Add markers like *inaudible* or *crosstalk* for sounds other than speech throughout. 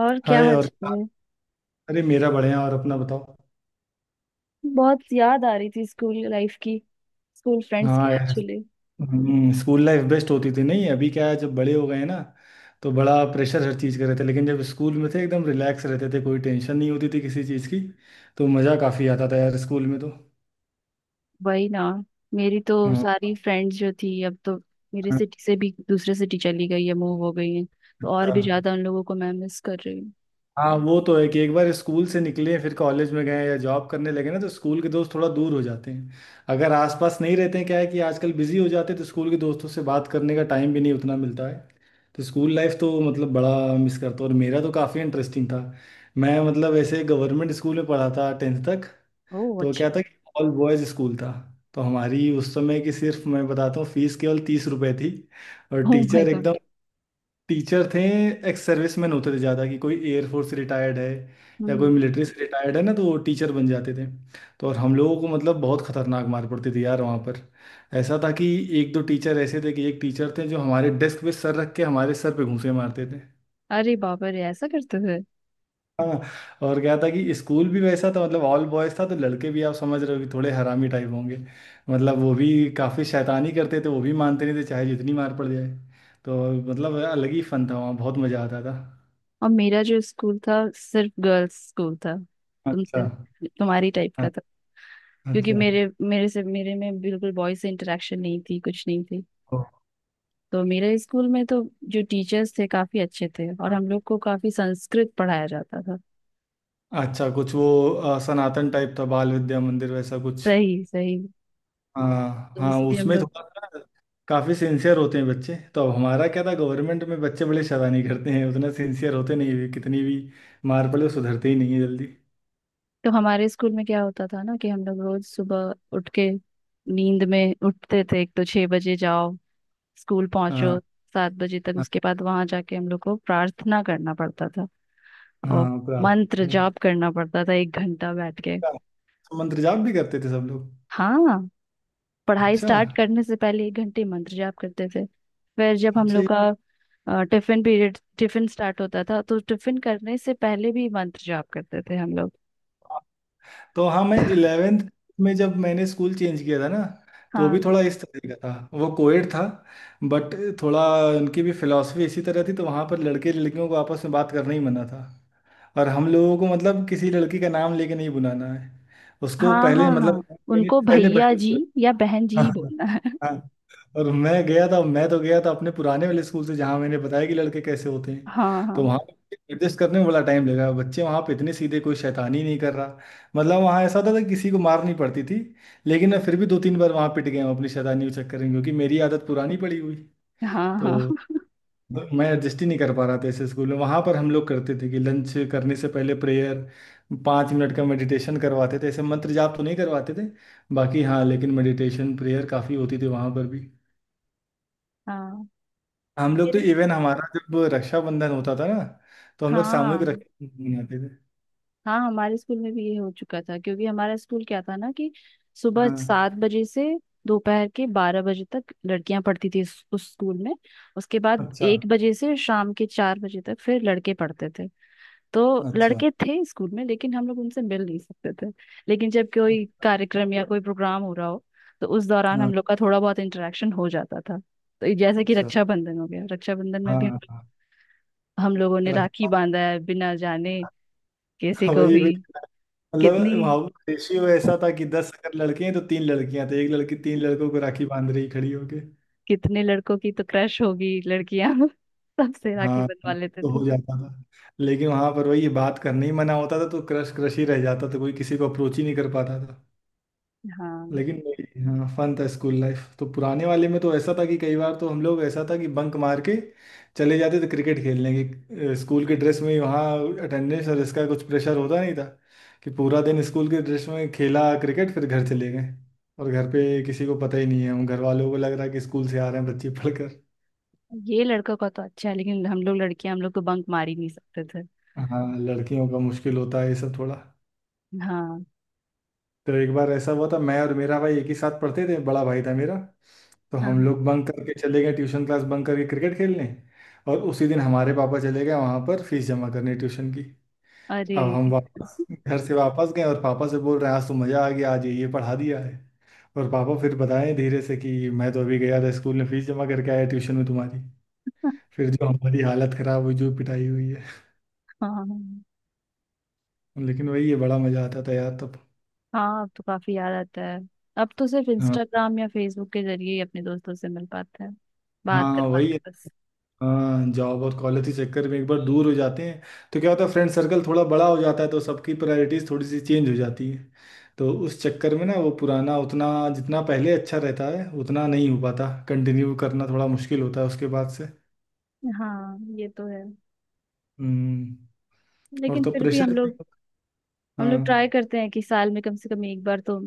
और क्या हाय। हाल और चाल है। अरे, मेरा बढ़िया, और अपना बताओ। बहुत याद आ रही थी स्कूल लाइफ की, स्कूल फ्रेंड्स की हाँ यार। एक्चुअली। स्कूल लाइफ बेस्ट होती थी। नहीं अभी क्या है, जब बड़े हो गए हैं ना तो बड़ा प्रेशर हर चीज़ का रहता है, लेकिन जब स्कूल में थे एकदम रिलैक्स रहते थे, कोई टेंशन नहीं होती थी किसी चीज़ की। तो मज़ा काफ़ी आता था यार स्कूल में तो। वही ना। मेरी तो हाँ सारी फ्रेंड्स जो थी अब तो मेरे हाँ, सिटी से भी दूसरे सिटी चली गई है, मूव हो गई है, तो और अच्छा। भी ज्यादा उन लोगों को मैं मिस कर रही हूँ। हाँ वो तो है कि एक बार स्कूल से निकले फिर कॉलेज में गए या जॉब करने लगे ना तो स्कूल के दोस्त थोड़ा दूर हो जाते हैं, अगर आसपास नहीं रहते हैं। क्या है कि आजकल बिजी हो जाते हैं तो स्कूल के दोस्तों से बात करने का टाइम भी नहीं उतना मिलता है। तो स्कूल लाइफ तो मतलब बड़ा मिस करता हूँ, और मेरा तो काफ़ी इंटरेस्टिंग था। मैं मतलब ऐसे गवर्नमेंट स्कूल में पढ़ा था टेंथ तक। ओह तो अच्छा। क्या था कि ऑल बॉयज़ स्कूल था, तो हमारी उस समय की सिर्फ मैं बताता हूँ, फीस केवल 30 रुपये थी। और ओह माय टीचर गॉड। एकदम टीचर थे, एक्स सर्विस मैन होते थे ज़्यादा, कि कोई एयरफोर्स से रिटायर्ड है या कोई हम्म। मिलिट्री से रिटायर्ड है ना तो वो टीचर बन जाते थे। तो और हम लोगों को मतलब बहुत खतरनाक मार पड़ती थी यार वहाँ पर। ऐसा था कि एक दो टीचर ऐसे थे, कि एक टीचर थे जो हमारे डेस्क पे सर रख के हमारे सर पे घूंसे मारते थे। अरे बाबा रे, ऐसा करते थे? हाँ। और क्या था कि स्कूल भी वैसा था, मतलब ऑल बॉयज था, तो लड़के भी आप समझ रहे हो कि थोड़े हरामी टाइप होंगे। मतलब वो भी काफ़ी शैतानी करते थे, वो भी मानते नहीं थे चाहे जितनी मार पड़ जाए। तो मतलब अलग ही फन था वहाँ, बहुत मज़ा आता था। और मेरा जो स्कूल था सिर्फ गर्ल्स स्कूल था, अच्छा। तुमसे तुम्हारी टाइप हाँ, का था। क्योंकि अच्छा। मेरे मेरे से मेरे में बिल्कुल बॉयज से इंटरेक्शन नहीं थी, कुछ नहीं थी। ओ, तो मेरे स्कूल में तो जो टीचर्स थे काफी अच्छे थे, और हम लोग को काफी संस्कृत पढ़ाया जाता था। अच्छा कुछ वो, सनातन टाइप था, बाल विद्या मंदिर वैसा कुछ। सही सही। हाँ तो हाँ इसलिए हम उसमें लोग, थोड़ा सा काफी सिंसियर होते हैं बच्चे। तो अब हमारा क्या था, गवर्नमेंट में बच्चे बड़े शैतानी करते हैं, उतना सिंसियर होते नहीं है, कितनी भी मार पड़े वो सुधरते ही नहीं है जल्दी। तो हमारे स्कूल में क्या होता था ना कि हम लोग रोज सुबह उठ के, नींद में उठते थे, एक तो 6 बजे जाओ, स्कूल पहुंचो हाँ। 7 बजे तक। हाँ उसके बाद वहां जाके हम लोग को प्रार्थना करना पड़ता था और हाँ, मंत्र प्रार्थना। जाप करना पड़ता था 1 घंटा बैठ के। मंत्र जाप भी करते थे सब लोग? हाँ, पढ़ाई अच्छा। स्टार्ट करने से पहले 1 घंटे मंत्र जाप करते थे। फिर जब हम अच्छा लोग ये का टिफिन पीरियड, टिफिन स्टार्ट होता था तो टिफिन करने से पहले भी मंत्र जाप करते थे हम लोग। तो। हाँ मैं इलेवेंथ में जब मैंने स्कूल चेंज किया था ना, तो भी हाँ थोड़ा इस तरह का था, वो कोएड था बट, थोड़ा उनकी भी फिलॉसफी इसी तरह थी, तो वहाँ पर लड़के लड़कियों को आपस में बात करना ही मना था। और हम लोगों को मतलब किसी लड़की का नाम लेके नहीं बुलाना है, उसको हाँ हाँ। पहले मतलब, हाँ उनको पहले भैया बहन जी बुलाना। या बहन *laughs* जी हाँ। ही बोलना है। हाँ। और मैं गया था, मैं तो गया था अपने पुराने वाले स्कूल से जहाँ मैंने बताया कि लड़के कैसे होते हैं, हाँ तो हाँ वहाँ एडजस्ट करने में बड़ा टाइम लगा। बच्चे वहाँ पे इतने सीधे, कोई शैतानी नहीं कर रहा। मतलब वहाँ ऐसा होता था कि किसी को मार नहीं पड़ती थी, लेकिन मैं फिर भी दो तीन बार वहाँ पिट गया हूँ अपनी शैतानी के चक्कर में, क्योंकि मेरी आदत पुरानी पड़ी हुई। हाँ। हाँ तो मतलब मैं एडजस्ट ही नहीं कर पा रहा था ऐसे स्कूल में। वहाँ पर हम लोग करते थे कि लंच करने से पहले प्रेयर, 5 मिनट का मेडिटेशन करवाते थे। ऐसे मंत्र जाप तो नहीं करवाते थे बाकी, हाँ लेकिन मेडिटेशन प्रेयर काफ़ी होती थी वहाँ पर भी। हाँ। हम लोग तो फिर, इवन हमारा जब रक्षाबंधन होता था ना तो हम लोग सामूहिक हाँ रक्षाबंधन मनाते थे। हाँ, हमारे स्कूल में भी ये हो चुका था। क्योंकि हमारा स्कूल क्या था ना कि सुबह हाँ। 7 बजे से दोपहर के 12 बजे तक लड़कियां पढ़ती थी उस स्कूल में। उसके बाद अच्छा। 1 बजे से शाम के 4 बजे तक फिर लड़के पढ़ते थे। तो अच्छा। लड़के थे स्कूल में लेकिन हम लोग उनसे मिल नहीं सकते थे। लेकिन जब कोई कार्यक्रम या कोई प्रोग्राम हो रहा हो तो उस दौरान हाँ। हम लोग का थोड़ा बहुत इंटरेक्शन हो जाता था। तो ये जैसे कि अच्छा। रक्षाबंधन हो गया, रक्षाबंधन में हाँ भी हाँ, हम लोगों ने राखी रक्षा। बांधा है बिना जाने *laughs* किसी को वही भी। वही। कितनी, मतलब वहाँ रेशियो ऐसा था कि 10 अगर लड़के हैं तो तीन लड़कियां थी, एक लड़की तीन लड़कों को राखी बांध रही खड़ी होके। कितने लड़कों की तो क्रश होगी लड़कियां *laughs* सबसे राखी हाँ, बंधवा लेते तो थे। हो जाता था। लेकिन वहां पर वही बात करने ही मना होता था, तो क्रश क्रश ही रह जाता था, कोई किसी को अप्रोच ही नहीं कर पाता था। हाँ, लेकिन नहीं, हाँ फन था स्कूल लाइफ तो। पुराने वाले में तो ऐसा था कि कई बार तो हम लोग, ऐसा था कि बंक मार के चले जाते थे क्रिकेट खेलने की स्कूल के ड्रेस में ही। वहाँ अटेंडेंस और इसका कुछ प्रेशर होता नहीं था, कि पूरा दिन स्कूल के ड्रेस में खेला क्रिकेट फिर घर चले गए, और घर पे किसी को पता ही नहीं है। हम घर वालों को लग रहा है कि स्कूल से आ रहे हैं बच्चे पढ़कर। ये लड़कों का तो अच्छा है लेकिन हम लोग लड़कियां, हम लोग तो बंक मार ही नहीं सकते थे। हाँ, लड़कियों का मुश्किल होता है ये सब थोड़ा। हाँ तो एक बार ऐसा हुआ था, मैं और मेरा भाई एक ही साथ पढ़ते थे, बड़ा भाई था मेरा। तो हाँ हम हाँ। लोग बंक करके चले गए, ट्यूशन क्लास बंक करके क्रिकेट खेलने, और उसी दिन हमारे पापा चले गए वहां पर फीस जमा करने ट्यूशन की। अरे! अब हम वापस *laughs* घर से वापस गए, और पापा से बोल रहे हैं आज तो मज़ा आ गया, आज ये पढ़ा दिया है। और पापा फिर बताएं धीरे से कि मैं तो अभी गया था स्कूल में फीस जमा करके आया ट्यूशन में तुम्हारी। फिर जो हमारी हालत खराब हुई, जो पिटाई हुई है। हाँ लेकिन वही है, बड़ा मज़ा आता था यार तब। हाँ। अब तो काफी याद आता है। अब तो सिर्फ हाँ। इंस्टाग्राम या फेसबुक के जरिए ही अपने दोस्तों से मिल पाता है, बात हाँ कर वही पाते है। हैं, बस। हाँ जॉब और कॉलेज के चक्कर में एक बार दूर हो जाते हैं, तो क्या होता है फ्रेंड सर्कल थोड़ा बड़ा हो जाता है, तो सबकी प्रायोरिटीज थोड़ी सी चेंज हो जाती है। तो उस चक्कर में ना, वो पुराना उतना जितना पहले अच्छा रहता है उतना नहीं हो पाता, कंटिन्यू करना थोड़ा मुश्किल होता है उसके बाद से। हाँ ये तो है। हम्म। और लेकिन तो फिर भी हम प्रेशर भी। लोग, हम लोग हाँ। ट्राई करते हैं कि साल में कम से कम एक बार तो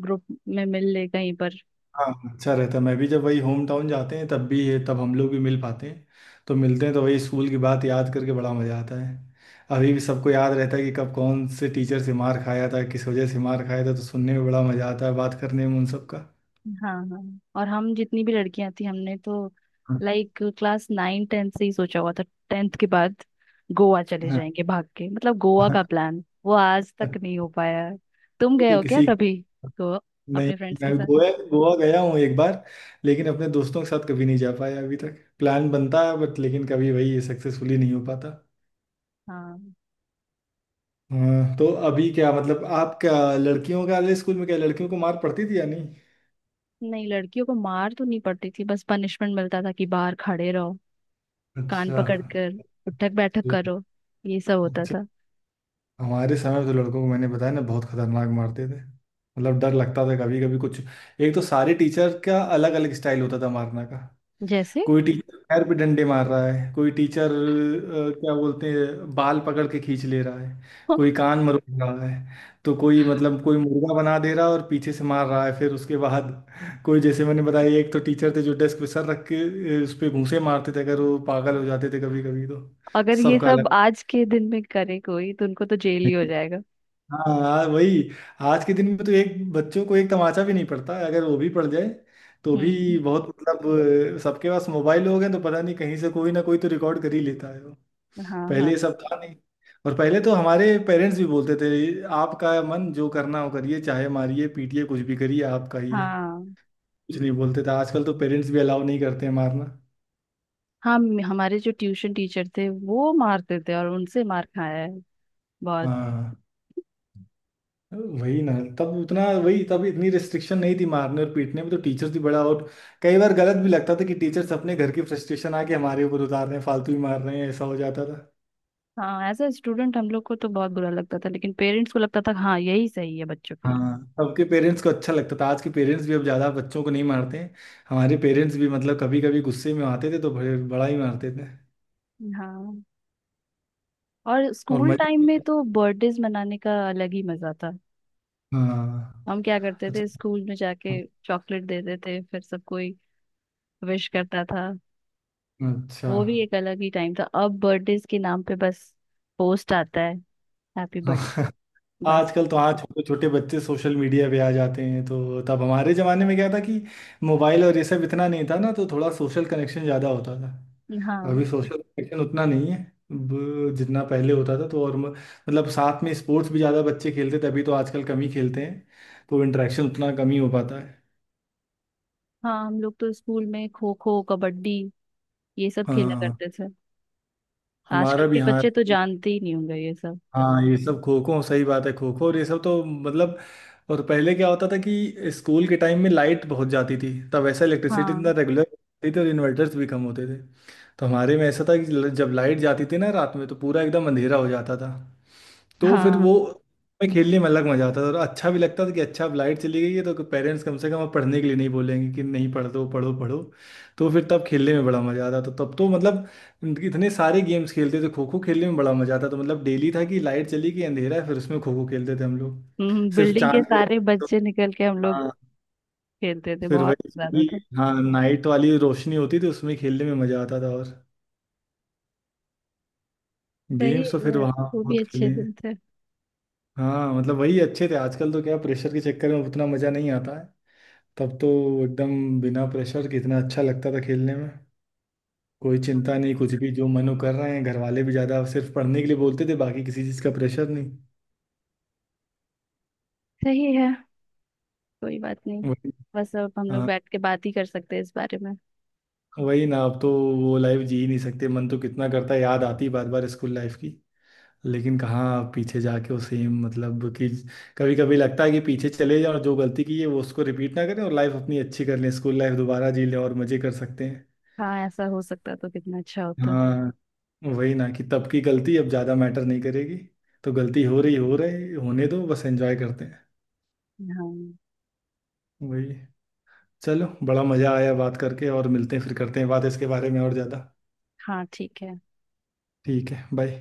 ग्रुप में मिल ले कहीं पर। हाँ अच्छा रहता है। मैं भी जब वही होम टाउन जाते हैं तब भी है, तब हम लोग भी मिल पाते हैं। तो मिलते हैं तो वही स्कूल की बात याद करके बड़ा मज़ा आता है। अभी भी सबको याद रहता है कि कब कौन से टीचर से मार खाया था, किस वजह से मार खाया था, तो सुनने में बड़ा मज़ा आता है बात करने में उन सब का। हाँ हाँ। और हम जितनी भी लड़कियां थी, हमने तो लाइक क्लास 9, 10th से ही सोचा हुआ था 10th के बाद गोवा चले हाँ। जाएंगे भाग के। मतलब गोवा का हाँ। प्लान वो आज तक नहीं हो पाया है। तुम वो गए तो हो क्या किसी, कभी गोवा नहीं अपने फ्रेंड्स के मैं साथ? गोवा, गोवा गया हूँ एक बार, लेकिन अपने दोस्तों के साथ कभी नहीं जा पाया। अभी तक प्लान बनता है बट, लेकिन कभी वही सक्सेसफुली नहीं हो पाता। हाँ। हाँ तो अभी क्या मतलब, आप क्या लड़कियों का वाले स्कूल में क्या लड़कियों को मार पड़ती थी या नहीं? नहीं, लड़कियों को मार तो नहीं पड़ती थी, बस पनिशमेंट मिलता था कि बाहर खड़े रहो, कान अच्छा। पकड़ कर उठक बैठक ल- करो, ये सब होता अच्छा, था। हमारे समय में तो लड़कों को मैंने बताया ना बहुत खतरनाक मारते थे, मतलब डर लगता था कभी कभी कुछ। एक तो सारे टीचर का अलग अलग स्टाइल होता था मारने का। जैसे कोई टीचर पैर पे डंडे मार रहा है, कोई टीचर क्या बोलते हैं बाल पकड़ के खींच ले रहा है, कोई *laughs* कान मरोड़ रहा है। तो कोई मतलब कोई मुर्गा बना दे रहा है और पीछे से मार रहा है। फिर उसके बाद कोई, जैसे मैंने बताया, एक तो टीचर थे जो डेस्क पे सर रख के उस पे घूंसे मारते थे, अगर वो पागल हो जाते थे कभी कभी तो। अगर ये सबका अलग। सब आज के दिन में करे कोई तो उनको तो जेल ही हो जाएगा। हाँ यार, वही। आज के दिन में तो एक बच्चों को एक तमाचा भी नहीं पड़ता, अगर वो भी पड़ जाए तो भी हम्म। बहुत, मतलब सबके पास मोबाइल हो गए तो पता नहीं कहीं से कोई ना कोई तो रिकॉर्ड कर ही लेता है वो। हाँ हाँ पहले ये सब था नहीं। और पहले तो हमारे पेरेंट्स भी बोलते थे आपका मन जो करना हो करिए, चाहे मारिए पीटिए कुछ भी करिए, आपका ही है। हाँ। कुछ नहीं बोलते थे। आजकल तो पेरेंट्स भी अलाउ नहीं करते हैं मारना। हमारे जो ट्यूशन टीचर थे वो मारते थे और उनसे मार खाया है बहुत। हाँ वही ना, तब उतना वही, तब इतनी रिस्ट्रिक्शन नहीं थी मारने और पीटने में, तो टीचर्स भी बड़ा, और कई बार गलत भी लगता था कि टीचर्स अपने घर की फ्रस्ट्रेशन आके हमारे ऊपर उतार रहे हैं, फालतू ही मार रहे हैं, ऐसा हो जाता था। हाँ एज ए स्टूडेंट हम लोग को तो बहुत बुरा लगता था लेकिन पेरेंट्स को लगता था हाँ यही सही है बच्चों के लिए। हाँ सबके पेरेंट्स को अच्छा लगता था, आज के पेरेंट्स भी अब ज्यादा बच्चों को नहीं मारते हैं। हमारे पेरेंट्स भी मतलब कभी कभी गुस्से में आते थे तो बड़े, बड़ा ही मारते थे। हाँ, और और स्कूल मजा। टाइम में तो बर्थडेज मनाने का अलग ही मजा था। हाँ। हम क्या करते अच्छा। थे स्कूल में जाके चॉकलेट देते थे फिर सब कोई विश करता था। अच्छा। वो भी एक अलग ही टाइम था। अब बर्थडेज के नाम पे बस पोस्ट आता है हैप्पी बर्थडे, हाँ। बस। आजकल तो हाँ छोटे छोटे बच्चे सोशल मीडिया पे आ जाते हैं, तो तब हमारे जमाने में क्या था कि मोबाइल और ये सब इतना नहीं था ना, तो थोड़ा सोशल कनेक्शन ज्यादा होता था। अभी हाँ सोशल कनेक्शन उतना नहीं है जितना पहले होता था, तो और मतलब साथ में स्पोर्ट्स भी ज्यादा बच्चे खेलते थे, अभी तो आजकल कम ही खेलते हैं, तो इंटरेक्शन उतना कम ही हो पाता है। हाँ, हम लोग तो स्कूल में खो खो कबड्डी ये सब खेला हाँ। करते थे। आजकल हमारा भी के हाँ। बच्चे तो जानते ही नहीं होंगे ये सब। हाँ ये सब खो खो सही बात है, खो खो और ये सब तो मतलब। और पहले क्या होता था कि स्कूल के टाइम में लाइट बहुत जाती थी, तब ऐसा इलेक्ट्रिसिटी इतना हाँ रेगुलर होती थी, और इन्वर्टर्स भी कम होते थे। तो हमारे में ऐसा था कि जब लाइट जाती थी ना रात में तो पूरा एकदम अंधेरा हो जाता था। तो फिर हाँ। वो में खेलने में अलग मजा आता था, और अच्छा भी लगता था कि अच्छा अब लाइट चली गई है तो पेरेंट्स कम से कम अब पढ़ने के लिए नहीं बोलेंगे कि नहीं पढ़, दो पढ़ो पढ़ो। तो फिर तब खेलने में बड़ा मजा आता था तब तो मतलब, इतने सारे गेम्स खेलते थे, खो खो खेलने में बड़ा मजा आता था, मतलब डेली था कि लाइट चली गई अंधेरा है फिर उसमें खो खो खेलते थे हम लोग। सिर्फ बिल्डिंग के चांद की सारे रोशनी तो। बच्चे निकल के हम लोग हाँ खेलते थे, फिर बहुत वही ज्यादा पूरी, था। हाँ नाइट वाली रोशनी होती थी उसमें खेलने में मजा आता था। और सही गेम्स है तो फिर यार, वहाँ वो बहुत भी खेले अच्छे हैं। दिन थे। हाँ मतलब वही अच्छे थे, आजकल तो क्या प्रेशर के चक्कर में उतना मजा नहीं आता है। तब तो एकदम बिना प्रेशर कितना अच्छा लगता था खेलने में, कोई चिंता नहीं कुछ भी जो मनो कर रहे हैं, घर वाले भी ज्यादा सिर्फ पढ़ने के लिए बोलते थे, बाकी किसी चीज का प्रेशर नहीं। सही है, कोई बात नहीं। वही। बस अब हम लोग हाँ। बैठ के बात ही कर सकते हैं इस बारे में। वही ना अब तो वो लाइफ जी ही नहीं सकते, मन तो कितना करता है, याद आती बार बार स्कूल लाइफ की। लेकिन कहाँ पीछे जाके वो सेम, मतलब कि कभी कभी लगता है कि पीछे चले जाए और जो गलती की है वो उसको रिपीट ना करें, और लाइफ अपनी अच्छी कर लें, स्कूल लाइफ दोबारा जी लें और मजे कर सकते हैं। हाँ, ऐसा हो सकता तो कितना अच्छा होता। हाँ वही ना कि तब की गलती अब ज़्यादा मैटर नहीं करेगी, तो गलती हो रही, हो रही, होने दो बस एंजॉय करते हैं। हाँ। वही। चलो बड़ा मज़ा आया बात करके, और मिलते हैं फिर, करते हैं बात इसके बारे में और ज़्यादा। हाँ ठीक है। ठीक है बाय।